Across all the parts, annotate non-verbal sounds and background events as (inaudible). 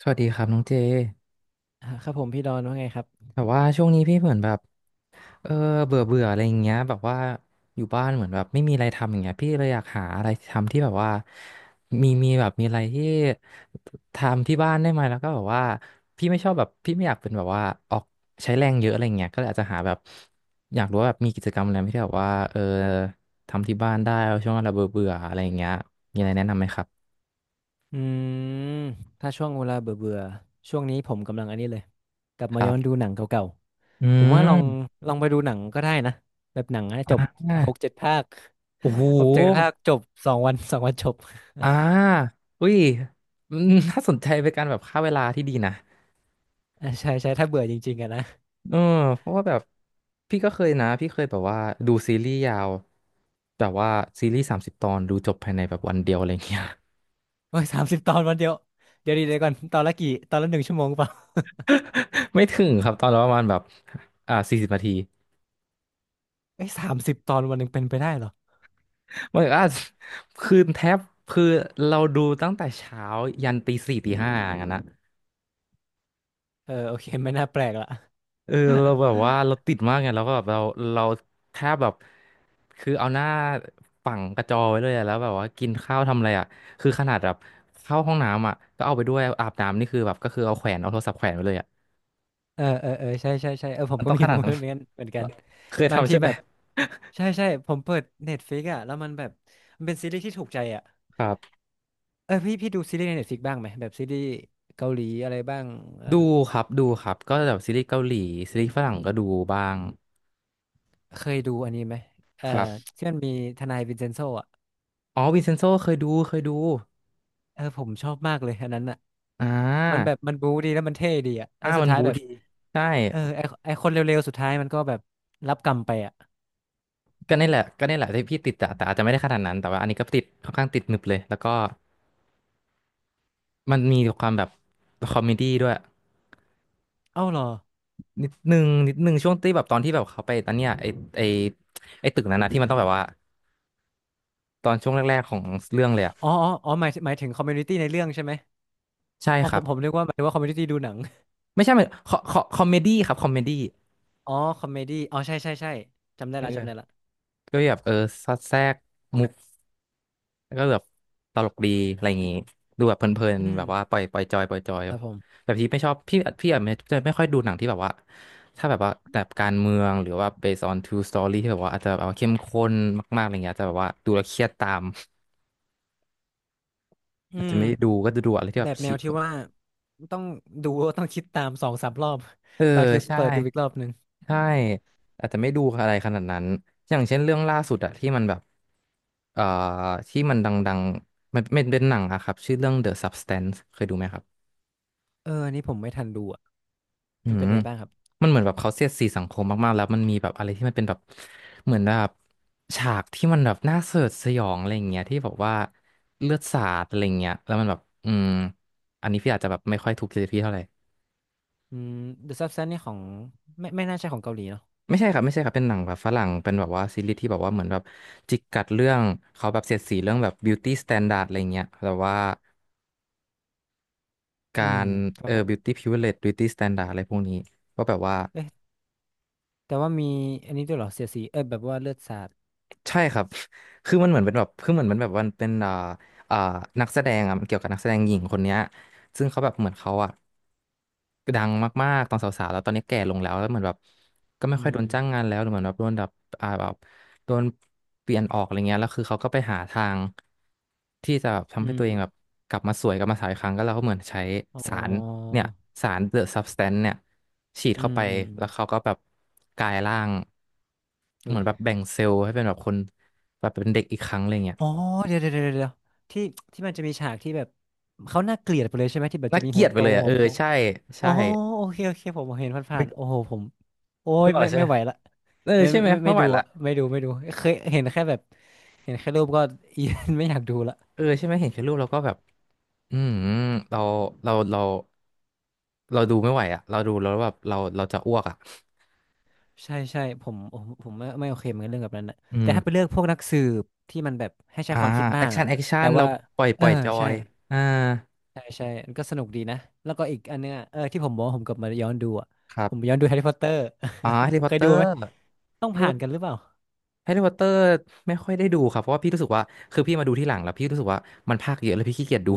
สวัสดีครับน้องเจครับผมพี่ดอนว่าไงครับ แบบว่าช่วงนี้พี่เหมือนแบบเออเบื่อเบื่ออะไรอย่างเงี้ยแบบว่าอยู่บ้านเหมือนแบบไม่มีอะไรทำอย่างเงี้ยพี่เลยอยากหาอะไรทำที่แบบว่ามีแบบมีอะไรที่ทำที่บ้านได้ไหมแล้วก็แบบว่าพี่ไม่ชอบแบบพี่ไม่อยากเป็นแบบว่าออกใช้แรงเยอะอะไรเงี้ยก็เลยอาจจะหาแบบอยากรู้ว่าแบบมีกิจกรรมอะไรไหมที่แบบว่าทำที่บ้านได้ช่วงเราเบื่อเบื่ออะไรอย่างเงี้ยมีอะไรแนะนำไหมครับอืมถ้าช่วงเวลาเบื่อเบื่อช่วงนี้ผมกำลังอันนี้เลยกลับคมารัย้อนดูบหนังเก่าอืๆผมว่าลองมไปดูหนังก็ได้นะแบบหนังนะอ่จบหกาเจ็ดภาคโอ้โห หกเจ็ดภาคจบสองวันจบอ่าอุ้ยอืมน่าสนใจเป็นการแบบฆ่าเวลาที่ดีนะใช่ใช่ถ้าเบื่อจริงๆอะนะเออเพราะว่าแบบพี่ก็เคยนะพี่เคยแบบว่าดูซีรีส์ยาวแบบว่าซีรีส์30 ตอนดูจบภายในแบบวันเดียวอะไรเงี้ย โอ้ยสามสิบตอนวันเดียวเดี๋ยวดีเดี๋ยวก่อนตอนละกี่ตอนละหนึ่งชั่วโมงเปล่า (laughs) ไม่ถึงครับตอนละประมาณแบบ40 นาทีเอ้ยสามสิบตอนวันหนึ่งเป็นไปได้เหรอมันคือแทบคือเราดูตั้งแต่เช้ายันตีสี่ตีห้าอย่างนั้นนะ เออโอเคไม่น่าแปลกละเออเราแบบว่าเราติดมากไงแล้วก็แบบเราแทบแบบคือเอาหน้าฝังกระจอไว้เลยอะแล้วแบบว่ากินข้าวทำอะไรอ่ะคือขนาดแบบเข้าห้องน้ำอ่ะก็เอาไปด้วยอาบน้ำนี่คือแบบก็คือเอาแขวนเอาโทรศัพท์แขวนไว้เลยอ่ะเออเออเออใช่ใช่ใช่เออผมมันก็ต้องมีขนาโมดนั้เมน นต์เหมือนกัน(laughs) เคยบางทำทีใช่ไหแบมบ ใช่ใช่ผมเปิด Netflix อ่ะแล้วมันแบบมันเป็นซีรีส์ที่ถูกใจอ่ะครับเออพี่ดูซีรีส์ใน Netflix บ้างไหมแบบซีรีส์เกาหลีอะไรบ้างเออดูครับดูครับก็แบบซีรีส์เกาหลีซีรีส์ฝรั่งก็ดูบ้างเคยดูอันนี้ไหมเออครับที่มันมีทนายวินเซนโซอ่ะอ๋อวินเซนโซเคยดูเคยดูเออผมชอบมากเลยอันนั้นอ่ะอ่มันแบาบมันบู๊ดีแล้วมันเท่ดีอ่ะแล้อ่าวสุดมันท้ายบูแบบดีใช่ เออไอคนเร็วๆสุดท้ายมันก็แบบรับกรรมไปอ่ะก็นี่แหละก็นี่แหละที่พี่ติดอะแต่อาจจะไม่ได้ขนาดนั้นแต่ว่าอันนี้ก็ติดค่อนข้างติดหนึบเลยแล้วก็มันมีความแบบคอมเมดี้ด้วยเอ้าเหรอนิดนึงนิดนึงช่วงที่แบบตอนที่แบบเขาไปตอนเนี้ยไอไอตึกนั้นนะที่มันต้องแบบว่าตอนช่วงแรกๆของเรื่องเลยอะอ๋อหมายถึงคอมมูนิตี้ในเรื่องใช่ไหมใช่อ๋อครับผมนึกว่าหมายถึงว่าคอมมูนิตี้ดูหนังไม่ใช่มันคอมเมดี้ครับคอมเมดี้อ๋อคอมเมดี้อ๋อใช่ใช่ใช่จำได้ละจำได้เออละก็แบบเออสอดแทรกมุก แล้วก็แบบตลกดีอะไรอย่างงี้ดูแบบเพลินอืๆแบมบว่าปล่อยปล่อยจอยปล่อยจอยครับผมแบบพี่ไม่ชอบพี่อาจจะไม่ค่อยดูหนังที่แบบว่าถ้าแบบว่าแบบการเมืองหรือว่า based on true story ที่แบบว่าอาจจะแบบว่าเข้มข้นมากๆอะไรเงี้ยอาจจะแบบว่าดูแล้วเครียดตามอือาจจะม ไม่ได้ดูก็จะดูอะไรที่แบแบบบแนชิวที่ว่าต้องดูต้องคิดตามสองสามรอบ เออ (laughs) บางทีใช่เปิดดูอีกรอบหนึ่งใช่อาจจะไม่ดูอะไรขนาดนั้นอย่างเช่นเรื่องล่าสุดอะที่มันแบบเอ่อที่มันดังๆมันเป็นเป็นหนังอะครับชื่อเรื่อง The Substance เคยดูไหมครับ เอออันนี้ผมไม่ทันดูอ่ะอืมันเป็มนไงบ้างครับมันเหมือนแบบเขาเสียดสีสังคมมากๆแล้วมันมีแบบอะไรที่มันเป็นแบบเหมือนแบบฉากที่มันแบบน่าสยดสยองอะไรอย่างเงี้ยที่บอกว่าเลือดสาดอะไรอย่างเงี้ยแล้วมันแบบอืมอันนี้พี่อาจจะแบบไม่ค่อยถูกจริตพี่เท่าไหร่อืม The Substance นี่ของไม่น่าใช่ของเกาหลีเนาะไม่ใช่ครับไม่ใช่ครับเป็นหนังแบบฝรั่งเป็นแบบว่าซีรีส์ที่แบบว่าเหมือนแบบจิกกัดเรื่องเขาแบบเสียดสีเรื่องแบบ beauty standard อะไรเงี้ยแต่ว่ากาอืมรครัเอบอ ผม beauty privilege beauty standard อะไรพวกนี้ก็แบบว่า เอ๊ะแต่ว่ามีอันนี้ด้วยเหรอเสียดสีเออแบบว่าเลือดสาดใช่ครับ (laughs) คือมันเหมือนเป็นแบบคือเหมือนมันแบบมันเป็นอ่านักแสดงอ่ะมันเกี่ยวกับนักแสดงหญิงคนเนี้ยซึ่งเขาแบบเหมือนเขาอ่ะดังมากๆตอนสาวๆแล้วตอนนี้แก่ลงแล้วแล้วเหมือนแบบก็ไม่อืค่อยโดนมจ้างงานแล้วหรือเหมือนแบบโดนแบบอ่าแบบโดนเปลี่ยนออกอะไรเงี้ยแล้วคือเขาก็ไปหาทางที่จะแบบอืทำให้ตัวเองแบบมกลับมาสวยกลับมาสาวอีกครั้งก็แล้วก็เหมือนใช้อ๋สารอเนี่ยสาร The Substance เนี่ยฉีดอืเข้ามไปอืมอแล้วเขามก็แบบกลายร่าง เหอุ้มือยนแบบแบ่งเซลล์ให้เป็นแบบคนแบบเป็นเด็กอีกครั้งอะไรเงี้ยอ๋อเดี๋ยวเดี๋ยวเดี๋ยวเดี๋ยวที่ที่มันจะมีฉากที่แบบเขาน่าเกลียดไปเลยใช่ไหมที่แบบน่าจะมีเกลีหัยวดไปโตเลยอ่ะหัเอวอพองใช่อ๋ใช่อโอเคโอเคผมเห็นผ่านึนกๆโอ้โหผม โอ้นึยกออกแล้วใช่ไม่ไหมไหวละเออใช่ไหมไม่ไม่ไหวดูละอะไม่ดูไม่ดูเคยเห็นแค่แบบเห็นแค่รูปก็ (laughs) อีไม่อยากดูละเออใช่ไหมเห็นแค่รูปเราก็แบบอืมเราเราเราเราดูไม่ไหวอ่ะเราดูแล้วแบบเราเราจะอ้วกอ่ะใช่ใช่ผมไม่โอเคเหมือนกันเรื่องแบบนั้นนะอืแต่ถ้าไปมเลือกพวกนักสืบที่มันแบบให้ใช้อ่าความคิดแอบ้าคงชั่นอะแอคชั่แต่นเราว่าปล่อยปเอล่ออยจอใช่ยอ่าใช่ใช่มันก็สนุกดีนะแล้วก็อีกอันเนึงอะเออที่ผมบอกว่าผมกลับมาย้อนดูอะครัผมบย้อนดูแฮร์รี่พอต (laughs) เตอร์ อ๋อแฮร์รี่พ (laughs) อเคตยเตอดูไหร์มต้องแฮร์ผ่านกันหรือรี่เปล่าแฮร์รี่พอตเตอร์ไม่ค่อยได้ดูครับเพราะว่าพี่รู้สึกว่าคือพี่มาดูที่หลังแล้วพี่รู้สึกว่ามันภาคเยอะแล้วพี่ขี้เกียจดู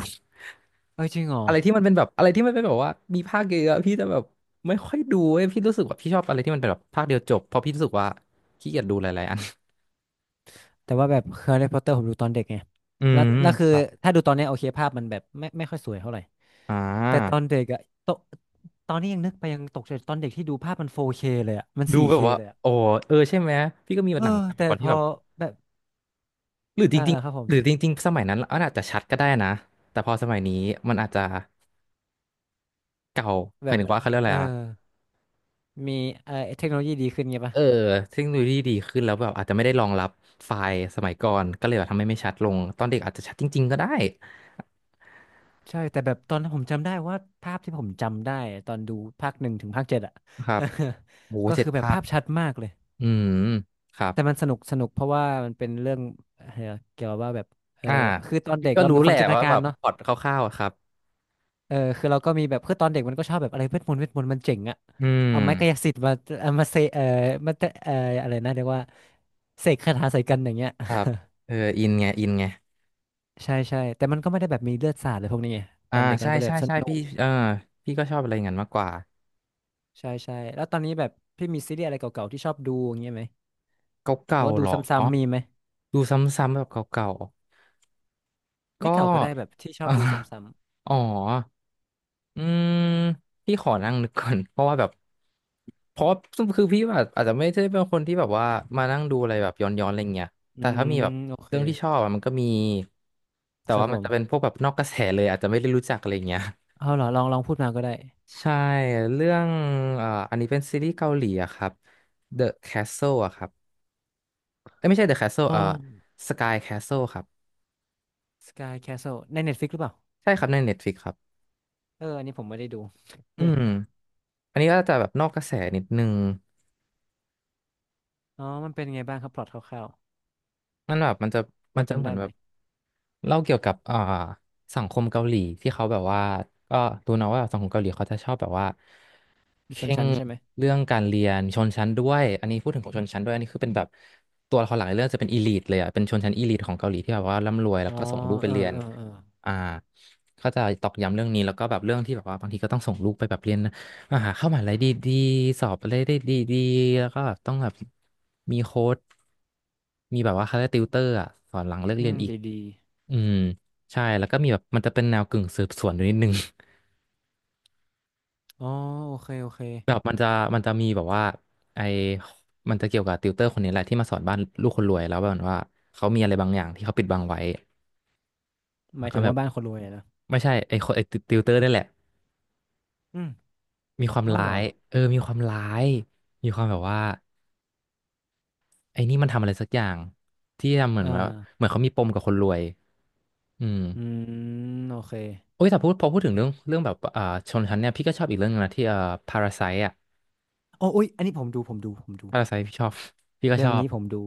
เออจริงเหรออะไรที่มันเป็นแบบอะไรที่มันเป็นแบบว่ามีภาคเยอะๆพี่จะแบบไม่ค่อยดูเว้ยพี่รู้สึกว่าพี่ชอบอะไรที่มันเป็นแบบภาคเดียวจบเพราะพี่รู้สึกว่าขี้เกียจดูหลายๆอันแต่ว่าแบบแฮร์รี่พอตเตอร์ผมดูตอนเด็กไงอืแล้มวคือครับถ้าดูตอนเนี้ยโอเคภาพมันแบบไม่ค่อยสวยเท่าไหร่ อ่แต่ตอานเด็กอะตอนตอนนี้ยังนึกไปยังตกใจตอนเด็กที่ดูภาพมัน 4K เคเลยอะมัน ดู 4K แบเคบว่าเลยอะโอ้เออใช่ไหมพี่ก็มีเออหนังสมัแต่ยก่อนพที่อแบบแบบหรือจเอ่าริงอาครับผๆมหรือจริงๆสมัยนั้นอันอาจจะชัดก็ได้นะแต่พอสมัยนี้มันอาจจะเก่าหแบมายบถึงว่าเขาเรียกอะเอไรออะมีเออเทคโนโลยีดีขึ้นไงปะเออเทคโนโลยีดีขึ้นแล้วแบบอาจจะไม่ได้รองรับไฟล์สมัยก่อนก็เลยแบบทำให้ไม่ชัดลงตอนเด็กอาจจะชัดจริงๆก็ได้ใช่ แต่แบบตอนนั้นผมจำได้ว่าภาพที่ผมจำได้ตอนดูภาคหนึ่งถึงภาคเจ็ดอะ นะครับโอ้โห (laughs) ก็เจ็ดคือแบบภาค ภาพชัดมากเลย อืมครับแต่มันสนุกสนุกเพราะว่ามันเป็นเรื่องเอ่อเกี่ยวกับว่าแบบเอออ่าคือตอนพี่เด็กก็เรารู้มีคแหวาละมจินตนาว่ากาแบรบเนาะ พล็อตคร่าวๆอะครับเออคือเราก็มีแบบคือตอนเด็กมันก็ชอบแบบอะไรเวทมนต์เวทมนต์มันเจ๋งอะอืมเอาไม้กายสิทธิ์มาเอามาเซเออมาเตเอออะไรนะเรียกว่าเสกคาถาใส่กันอย่างเงี้ยครับเอออินไงอินไงใช่ใช่แต่มันก็ไม่ได้แบบมีเลือดสาดเลยพวกนี้ไงตอ่าอนเด็กมัใช่นก็เลยใช่แบบสใช่นุพี่กเออพี่ก็ชอบอะไรอย่างนั้นมากกว่าใช่ใช่แล้วตอนนี้แบบพี่มีซีรีส์อะไรเก่าๆที่ชอบดูอย่างเงี้ยไหมหรืเก่าอว่าๆดูหรซอ้ำๆมีไหมดูซ้ำๆแบบเก่าๆก็ ไม่ (laughs) เก่าก็ได้แบบที่ชอเอบอดูซ้อ๋อ อืมพี่ขอนั่งนึกก่อน (laughs) เพราะว่าแบบเพราะว่าคือพี่แบบอาจจะไม่ได้เป็นคนที่แบบว่ามานั่งดูอะไรแบบย้อนๆอะไรเงี้ยำๆแต่อืถ้ามีแบบมโอเคเรื่องที่ชอบอะมันก็มีแต่ครับว่าผมันจะเป็นมพวกแบบนอกกระแสเลยอาจจะไม่ได้รู้จักอะไรเงี้ย เอาเหรอลองพูดมาก็ได้ (laughs) ใช่เรื่องอันนี้เป็นซีรีส์เกาหลีอะครับ The Castle อะครับเอ้ยไม่ใช่ The Castle อ๋อ Sky Castle ครับ Sky Castle ใน Netflix หรือเปล่าใช่ครับใน Netflix ครับเอออันนี้ผมไม่ได้ดู อืม (laughs) อันนี้ก็จะแบบนอกกระแสนิดนึง อ๋อมันเป็นไงบ้างครับพล็อตคร่าวมันแบบมันจะๆพมัอนจะจำเหมือได้นแบไหมบเล่าเกี่ยวกับสังคมเกาหลีที่เขาแบบว่าก็รู้เนอะว่าสังคมเกาหลีเขาจะชอบแบบว่า มีเคชนร่งชั้นใช่ไหมเรื่องการเรียนชนชั้นด้วยอันนี้พูดถึงของชนชั้นด้วยอันนี้คือเป็นแบบตัวละครหลักในเรื่องจะเป็นอีลิทเลยอ่ะเป็นชนชั้นอีลิทของเกาหลีที่แบบว่าร่ำรวยแล้อ๋วอก็ส่งลูกไปเออเรียนเออเอออ่าก็จะตอกย้ำเรื่องนี้แล้วก็แบบเรื่องที่แบบว่าบางทีก็ต้องส่งลูกไปแบบเรียนมหาเข้ามหาลัยดีๆสอบอะไรได้ดีๆแล้วก็แบบต้องแบบมีโค้ชมีแบบว่าคาติวเตอร์อ่ะสอนหลังเลิกอืเรียนมอีกดีดีอืมใช่แล้วก็มีแบบมันจะเป็นแนวกึ่งสืบสวนอยู่นิดนึง อ๋อโอเคโอเคแบบมันจะมันจะมีแบบว่าไอมันจะเกี่ยวกับติวเตอร์คนนี้แหละที่มาสอนบ้านลูกคนรวยแล้วแบบว่าเขามีอะไรบางอย่างที่เขาปิดบังไว้หแล้มาวยก็ถึงแบบว่าบ้านคนรวยอะนะไม่ใช่ไอคนไอติวเตอร์นี่แหละอืมมีความอ๋อร้าเหรอยเออมีความร้ายมีความแบบว่าไอนี่มันทำอะไรสักอย่างที่ทำเหมือเอนว่าอเหมือนเขามีปมกับคนรวยอืมอืมโอเคโอ้ยแต่พูดพอพูดถึงเรื่องเรื่องแบบชนชั้นเนี่ยพี่ก็ชอบอีกเรื่องหนึงนะที่พาราไซอ่ะโอ้อุ๊ยอันนี้ผมดูผมดูพาราไซพี่ชอบพี่ก็เรื่ชองอบนี้ผมดู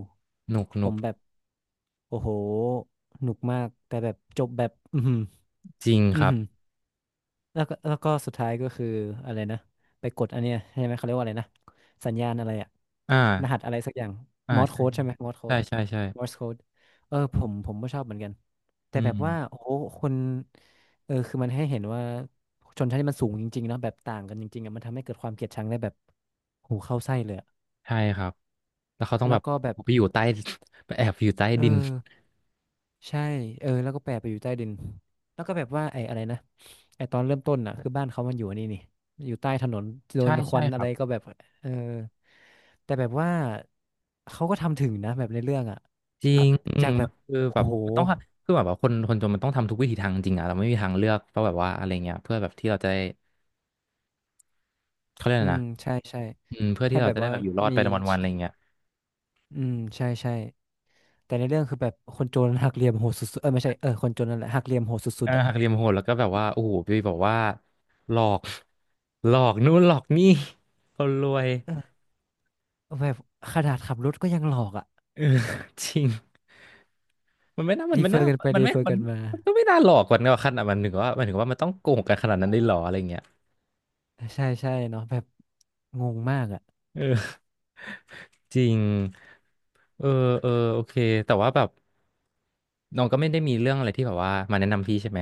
หนุกหผนุกมแบบโอ้โหหนุกมากแต่แบบจบแบบอืมจริงอครัหืม บแล้วก็สุดท้ายก็คืออะไรนะไปกดอันเนี้ยใช่ไหมเขาเรียกว่าอะไรนะสัญญาณอะไรอะอ่ารหัสอะไรสักอย่างอ่ามอร์สใช่ โค้ดใช่ไหมมอร์สโค้ใช่ดใช่ใช่มอร์สโค้ดเออผมก็ชอบเหมือนกันแต่อืแบบว่ามโอ้โหคนเออคือมันให้เห็นว่าชนชั้นที่มันสูงจริงๆเนาะแบบต่างกันจริงๆอะมันทำให้เกิดความเกลียดชังได้แบบหูเข้าไส้เลยอะใช่ครับแล้วเขาต้องแบแล้วบก็แบบไปอยู่ใต้ (laughs) ไปแอบอยู่ใต้เอดินอ ใช่เออแล้วก็แปะไปอยู่ใต้ดิน แล้วก็แบบว่าไอ้อะไรนะไอ้ตอนเริ่มต้นน่ะคือบ้านเขามันอยู่อันนี่นี่อยู่ใต้ถนนโดใช่นคใช่วันคอะรัไรบก็แบบ เออแต่แบบว่าเขาก็ทำถึงนะแบบในเรื่องอ่ะจริอะงอืจามกแบบ คือโอ้แบบโหมันต้องคือแบบว่าคนคนจนมันต้องทำทุกวิถีทางจริงอะเราไม่มีทางเลือกเพราะแบบว่าอะไรเงี้ยเพื่อแบบที่เราจะได้เขาเรียกอะอืไรมนะใช่ใช่อืมเพื่อให้ที่เราแบบจะได้ว่าแบบอยู่รอดมีไปวันๆอะไรเงี้ยอืมใช่ใช่ แต่ในเรื่องคือแบบคนโจรหักเหลี่ยมโหดสุดๆเออไม่ใช่เออคนโจรนั่นแหละหักเหลี่ยมโหดสุเอดอๆอ่ะหักเหลี่ยมโหดแล้วก็แบบว่าโอ้โหไปบอกว่าหลอกหลอกนู่นหลอกนี่คนรวยเออแบบขนาดขับรถก็ยังหลอกอ่ะเออ (laughs) จริง มันไม่น่ามันรีไม่เฟอน่าร์กันไปมันรีไม่เฟอร์มันกันมา มันก็ไม่น่าหลอกกันว่าขนาดมันถึงว่ามันถึงว่ามันต้องโกงกันขนาดนั้นได้หรออะไรเงี้ยใช่ใช่เนาะแบบงงมากอ่ะเออจริงเออเออโอเคแต่ว่าแบบน้องก็ไม่ได้มีเรื่องอะไรที่แบบว่ามาแนะนำพี่ใช่ไหม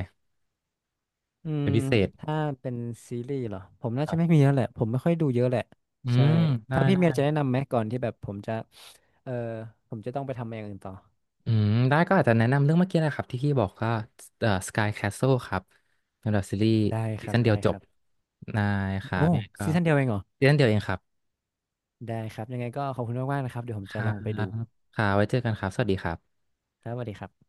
อืเป็มนพิเศษถ้าเป็นซีรีส์เหรอผมคน่ารัจะไม่มีบแล้วแหละผมไม่ค่อยดูเยอะแหละอืใช่มได้ถ้าพี่ได้เมียจะแนะนำไหมก่อนที่แบบผมจะเออผมจะต้องไปทำอย่างอื่นต่ออืมได้ก็อาจจะแนะนำเรื่องเมื่อกี้นะครับที่พี่บอกก็Sky Castle ครับเป็นแบบซีรีส์ได้คซีรับซั่นเดียวได้จคบรับได้ครัโอ้บยังไงก็ซีซั่นเดียวเองเหรอซีซั่นเดียวเองครับได้ครับยังไงก็ขอบคุณมากๆนะครับเดี๋ยวผมคจะรัลบองไปดูค่ะไว้เจอกันครับสวัสดีครับครับสวัสดีครับ